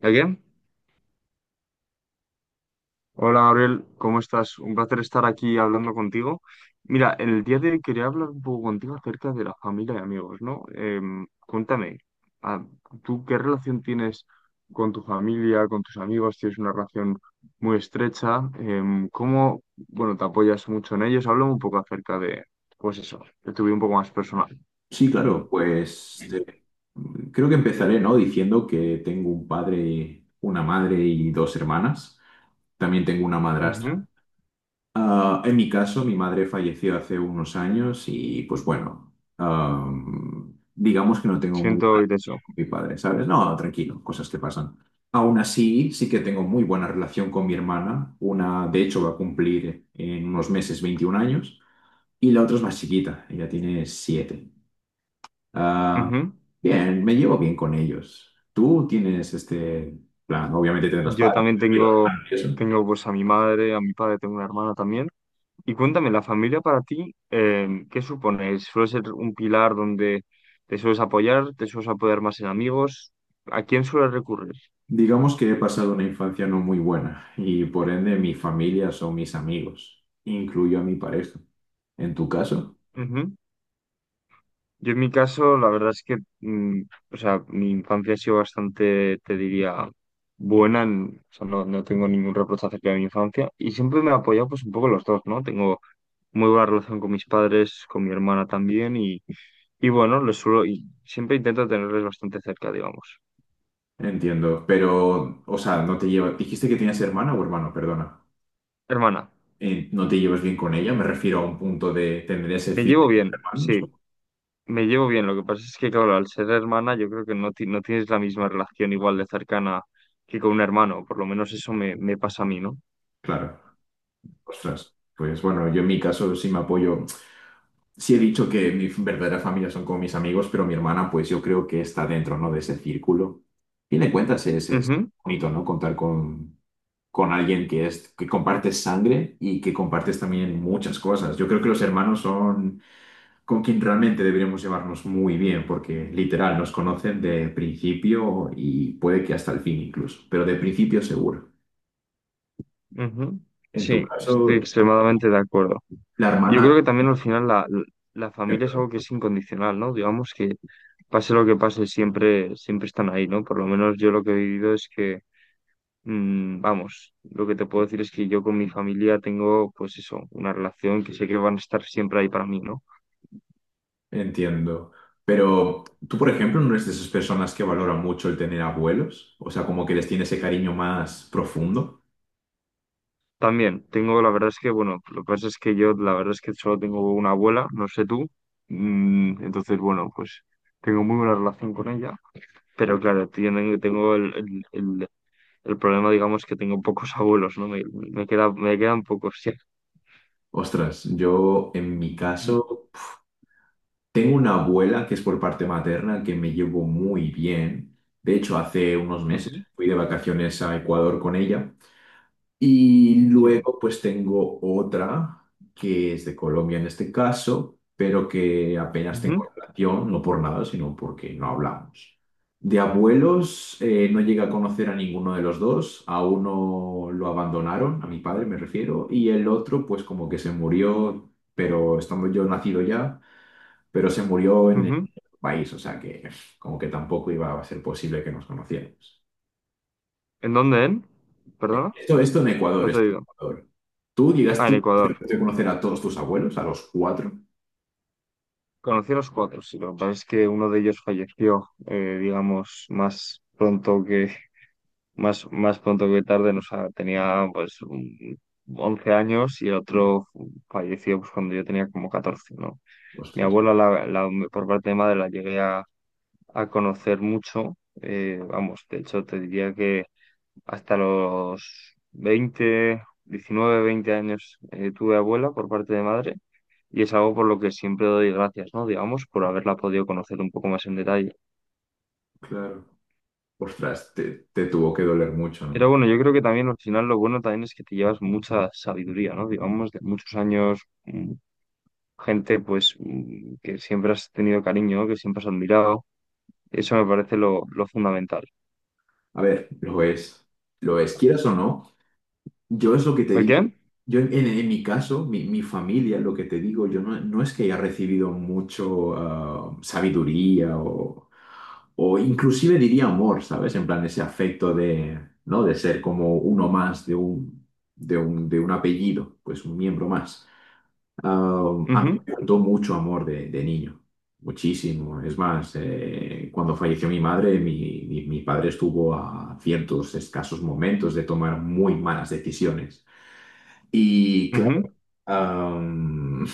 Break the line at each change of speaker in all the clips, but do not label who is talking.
¿Qué? Hola Gabriel, ¿cómo estás? Un placer estar aquí hablando contigo. Mira, el día de hoy quería hablar un poco contigo acerca de la familia y amigos, ¿no? Cuéntame, ah, ¿tú qué relación tienes con tu familia, con tus amigos? ¿Tienes una relación muy estrecha? ¿Cómo, bueno, te apoyas mucho en ellos? Háblame un poco acerca de, pues eso, de tu vida un poco más personal.
Sí, claro, creo que empezaré, ¿no? Diciendo que tengo un padre, una madre y dos hermanas. También tengo una madrastra.
Ujú.
En mi caso, mi madre falleció hace unos años y pues bueno, digamos que no tengo muy
Siento
buena
oír
relación
eso.
con mi padre, ¿sabes? No, tranquilo, cosas que pasan. Aún así, sí que tengo muy buena relación con mi hermana. Una, de hecho, va a cumplir en unos meses 21 años y la otra es más chiquita, ella tiene 7. Ah,
Ujú.
Bien, me llevo bien con ellos. Tú tienes este plan, obviamente tendrás
Yo
padres,
también
pero
tengo,
eso.
tengo pues a mi madre, a mi padre, tengo una hermana también. Y cuéntame, la familia para ti, ¿qué supone? ¿Suele ser un pilar donde te sueles apoyar más en amigos? ¿A quién sueles recurrir?
Digamos que he pasado una infancia no muy buena y por ende mi familia son mis amigos, incluyo a mi pareja. En tu caso,
Ujú. Yo en mi caso, la verdad es que, o sea, mi infancia ha sido bastante, te diría, buena, o sea, no tengo ningún reproche acerca de mi infancia y siempre me he apoyado pues un poco los dos, ¿no? Tengo muy buena relación con mis padres, con mi hermana también y bueno, les suelo, y siempre intento tenerles bastante cerca, digamos.
entiendo, pero, o sea, no te llevas, dijiste que tenías hermana o hermano, perdona.
Hermana.
¿No te llevas bien con ella? Me refiero a un punto de tener ese
Me
fin
llevo
entre
bien,
hermanos.
sí.
o-
Me llevo bien, lo que pasa es que, claro, al ser hermana, yo creo que no tienes la misma relación igual de cercana que con un hermano, por lo menos eso me, me pasa a mí, ¿no?
Claro, ostras. Pues bueno, yo en mi caso sí me apoyo. Sí he dicho que mi verdadera familia son como mis amigos, pero mi hermana, pues yo creo que está dentro, ¿no? De ese círculo. A fin de cuentas es
Ujú,
bonito, ¿no? Contar con alguien que es, que compartes sangre y que compartes también muchas cosas. Yo creo que los hermanos son con quien realmente deberíamos llevarnos muy bien, porque literal nos conocen de principio y puede que hasta el fin incluso, pero de principio seguro.
ujú.
En tu
Sí,
caso,
estoy extremadamente de acuerdo.
la
Yo creo
hermana...
que también al final la familia es algo que es incondicional, ¿no? Digamos que pase lo que pase, siempre, siempre están ahí, ¿no? Por lo menos yo lo que he vivido es que, vamos, lo que te puedo decir es que yo con mi familia tengo, pues eso, una relación que sé que van a estar siempre ahí para mí, ¿no?
Entiendo. Pero tú, por ejemplo, no eres de esas personas que valoran mucho el tener abuelos, o sea, como que les tiene ese cariño más profundo.
También tengo, la verdad es que, bueno, lo que pasa es que yo, la verdad es que solo tengo una abuela, no sé tú. Entonces, bueno, pues tengo muy buena relación con ella, pero claro, tienen, tengo el problema, digamos, que tengo pocos abuelos, ¿no? Me queda, me quedan pocos, sí.
Ostras, yo en mi caso tengo una abuela que es por parte materna que me llevo muy bien. De hecho, hace unos meses
Ujú,
fui de vacaciones a Ecuador con ella. Y
sí.
luego pues tengo otra que es de Colombia en este caso, pero que apenas tengo
Ujú,
relación, no por nada, sino porque no hablamos. De abuelos no llegué a conocer a ninguno de los dos, a uno lo abandonaron, a mi padre me refiero, y el otro pues como que se murió, pero estando yo nacido ya, pero se murió en el
ujú.
país, o sea que como que tampoco iba a ser posible que nos conociéramos.
¿En dónde, en? ¿Perdona?
Esto en Ecuador,
No te
esto en
digo.
Ecuador. ¿Tú llegas
Ah, en
tú
Ecuador.
a conocer a todos tus abuelos, a los cuatro?
Conocí a los cuatro, sí, lo que pasa es que uno de ellos falleció, digamos, más, más pronto que tarde, nos tenía pues 11 años y el otro falleció pues, cuando yo tenía como 14, ¿no? Mi
Ostras,
abuela, por parte de madre, la llegué a conocer mucho, vamos, de hecho te diría que hasta los 20 años, tuve abuela por parte de madre y es algo por lo que siempre doy gracias, ¿no? Digamos, por haberla podido conocer un poco más en detalle.
claro. Ostras, te tuvo que doler mucho,
Pero
¿no?
bueno, yo creo que también al final lo bueno también es que te llevas mucha sabiduría, ¿no? Digamos, de muchos años, gente pues que siempre has tenido cariño, que siempre has admirado. Eso me parece lo fundamental.
A ver, lo es, quieras o no. Yo es lo que te
¿Por
digo.
qué?
Yo en mi caso, mi familia, lo que te digo, yo no, no es que haya recibido mucho sabiduría o inclusive diría amor, ¿sabes? En plan ese afecto de, ¿no? De ser como uno más de de un apellido, pues un miembro más. A mí
Ujú,
me faltó mucho amor de niño, muchísimo. Es más, cuando falleció mi madre, mi padre estuvo a ciertos escasos momentos de tomar muy malas decisiones. Y claro,
ujú.
am,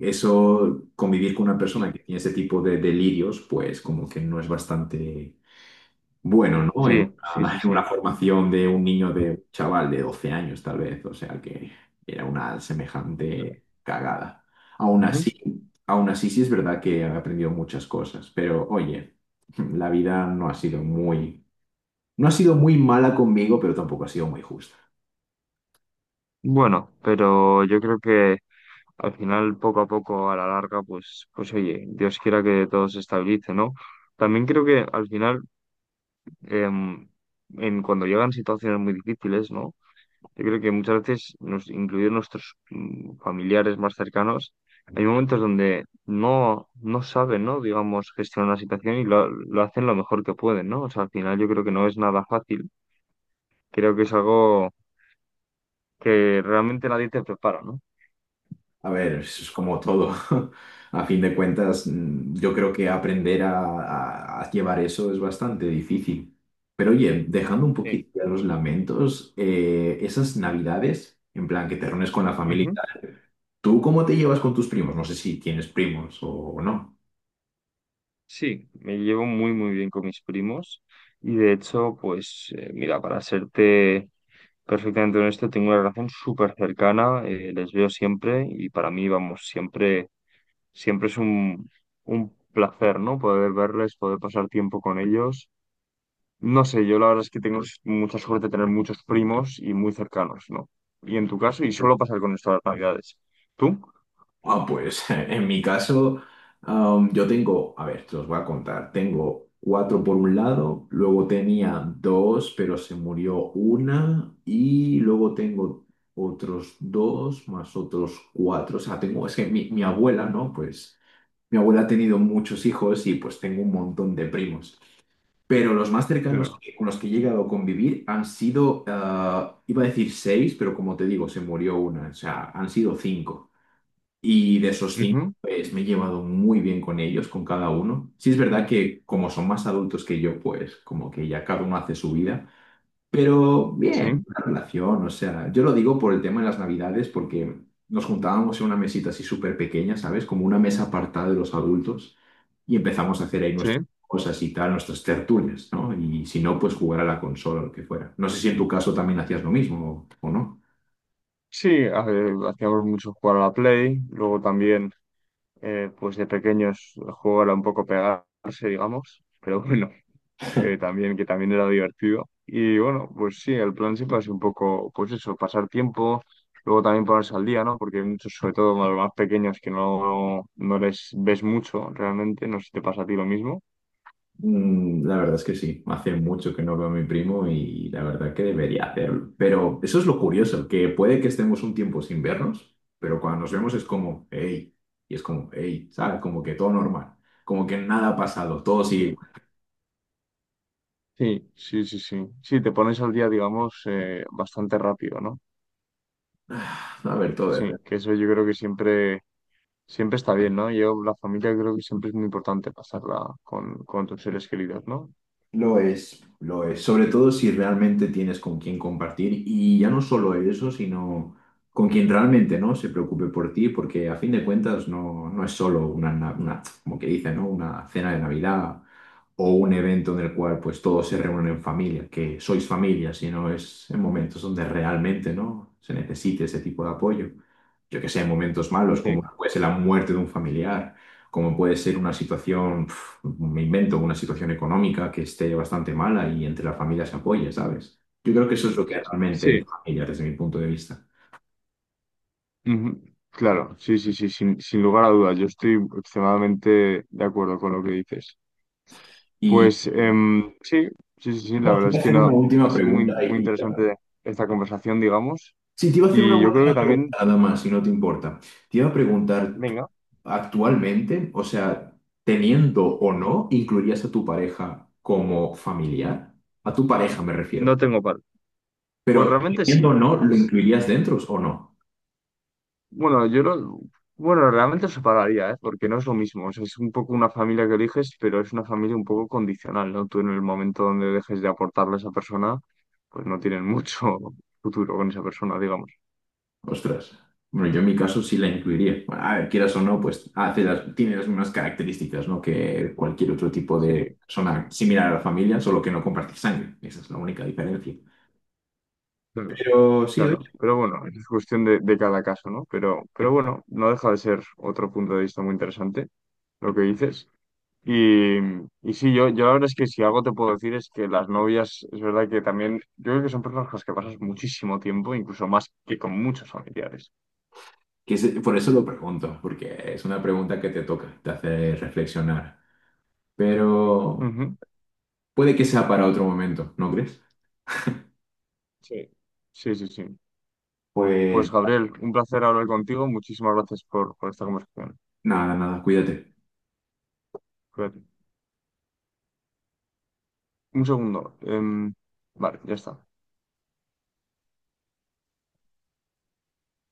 eso, convivir con una persona que tiene ese tipo de delirios, pues como que no es bastante bueno, ¿no?
Sí, sí, sí,
En
sí.
una formación de un niño de un chaval de 12 años, tal vez, o sea que era una semejante cagada. Aún
Ujú.
así, aún así sí es verdad que he aprendido muchas cosas, pero oye, la vida no ha sido muy, no ha sido muy mala conmigo, pero tampoco ha sido muy justa.
Bueno, pero yo creo que al final, poco a poco, a la larga, pues, pues oye, Dios quiera que todo se estabilice, ¿no? También creo que al final, em, cuando llegan situaciones muy difíciles, ¿no? Yo creo que muchas veces, nos, incluidos nuestros familiares más cercanos, hay momentos donde no saben, ¿no? Digamos, gestionar la situación y lo hacen lo mejor que pueden, ¿no? O sea, al final yo creo que no es nada fácil. Creo que es algo que realmente nadie te prepara, ¿no?
A ver, eso es como todo. A fin de cuentas, yo creo que aprender a llevar eso es bastante difícil. Pero oye, dejando un
Sí.
poquito ya los lamentos, esas navidades, en plan que te reúnes con la familia, y
Ujú.
tal, ¿tú cómo te llevas con tus primos? No sé si tienes primos o no.
Sí, me llevo muy, muy bien con mis primos y de hecho, pues, mira, para serte perfectamente honesto, tengo una relación súper cercana, les veo siempre y para mí, vamos, siempre es un placer, ¿no? Poder verles, poder pasar tiempo con ellos. No sé, yo la verdad es que tengo mucha suerte de tener muchos primos y muy cercanos, ¿no? Y en tu caso, y suelo pasar con esto las navidades. ¿Tú?
Pues en mi caso, yo tengo, a ver, te los voy a contar. Tengo cuatro por un lado, luego tenía dos, pero se murió una, y luego tengo otros dos más otros cuatro. O sea, tengo, es que mi abuela, ¿no? Pues mi abuela ha tenido muchos hijos y pues tengo un montón de primos. Pero los más cercanos
Claro.
con los que he llegado a convivir han sido, iba a decir seis, pero como te digo, se murió una. O sea, han sido cinco. Y de esos cinco,
Ujú.
pues me he llevado muy bien con ellos, con cada uno. Sí es verdad que como son más adultos que yo, pues como que ya cada uno hace su vida, pero
Sí,
bien, la relación, o sea, yo lo digo por el tema de las navidades, porque nos juntábamos en una mesita así súper pequeña, ¿sabes? Como una mesa apartada de los adultos y empezamos a hacer ahí nuestras
sí.
cosas y tal, nuestras tertulias, ¿no? Y si no, pues jugar a la consola o lo que fuera. No sé si en tu caso también hacías lo mismo o no.
Sí, a ver, hacíamos mucho jugar a la Play, luego también, pues de pequeños, el juego era un poco pegarse, digamos, pero bueno, también, que también era divertido. Y bueno, pues sí, el plan siempre ha sido un poco, pues eso, pasar tiempo, luego también ponerse al día, ¿no? Porque hay muchos, sobre todo los más pequeños, que no les ves mucho realmente, no sé si te pasa a ti lo mismo.
La verdad es que sí, hace mucho que no veo a mi primo y la verdad que debería hacerlo. Pero eso es lo curioso, que puede que estemos un tiempo sin vernos, pero cuando nos vemos es como, hey, y es como, hey, ¿sabes? Como que todo normal, como que nada ha pasado, todo
Sí.
sigue igual.
Sí, sí, sí, sí. Sí, te pones al día, digamos, bastante rápido, ¿no?
A ver, todo,
Sí,
depende.
que eso yo creo que siempre, siempre está bien, ¿no? Yo, la familia creo que siempre es muy importante pasarla con tus seres queridos, ¿no?
Lo es, lo es. Sobre todo si realmente tienes con quién compartir y ya no solo eso, sino con quien realmente no se preocupe por ti, porque a fin de cuentas no es solo como que dice, ¿no? Una cena de Navidad o un evento en el cual pues todos se reúnen en familia, que sois familia, sino es en momentos donde realmente, ¿no? se necesite ese tipo de apoyo. Yo que sé, en momentos malos, como
Sí.
puede ser la muerte de un familiar, como puede ser una situación, pf, me invento, una situación económica que esté bastante mala y entre la familia se apoye, ¿sabes? Yo creo que eso es lo que realmente
Sí.
es familia desde mi punto de vista.
Ujú. Claro, sí, sí, sí, sin, sin lugar a dudas. Yo estoy extremadamente de acuerdo con lo que dices.
Y
Pues
y-
sí, sí, sí, sí, la
no, te
verdad
voy
es
a
que
hacer una
no, ha
última
sido muy,
pregunta
muy
y ya.
interesante esta conversación, digamos.
Sí, te iba a hacer una
Y yo creo que
última pregunta
también,
nada más, si no te importa. Te iba a preguntar, ¿tú
venga,
actualmente, o sea, teniendo o no, incluirías a tu pareja como familiar? A tu pareja me refiero.
no tengo par. Pues
Pero
realmente
teniendo o
sí,
no,
porque
¿lo
es,
incluirías dentro o no?
bueno, yo lo, bueno, realmente os separaría, ¿eh? Porque no es lo mismo. O sea, es un poco una familia que eliges, pero es una familia un poco condicional, ¿no? Tú en el momento donde dejes de aportarle a esa persona, pues no tienen mucho futuro con esa persona, digamos.
Ostras. Bueno, yo en mi caso sí la incluiría. Bueno, a ver, quieras o no, pues tiene las mismas características, ¿no? Que cualquier otro tipo
Sí,
de
sí,
persona similar a la familia, solo que no comparte sangre. Esa es la única diferencia.
claro,
Pero sí, oye,
claro. Pero bueno, es cuestión de cada caso, ¿no? Pero bueno, no deja de ser otro punto de vista muy interesante lo que dices. Y, y sí, yo la verdad es que si algo te puedo decir es que las novias, es verdad que también, yo creo que son personas con las que pasas muchísimo tiempo, incluso más que con muchos familiares.
por eso lo pregunto, porque es una pregunta que te toca, te hace reflexionar. Pero
Ujú.
puede que sea para otro momento, ¿no crees?
Sí. Sí, sí, sí.
Pues
Pues Gabriel, un placer hablar contigo. Muchísimas gracias por esta conversación.
nada, nada, cuídate.
Cuídate. Un segundo. Vale, ya está.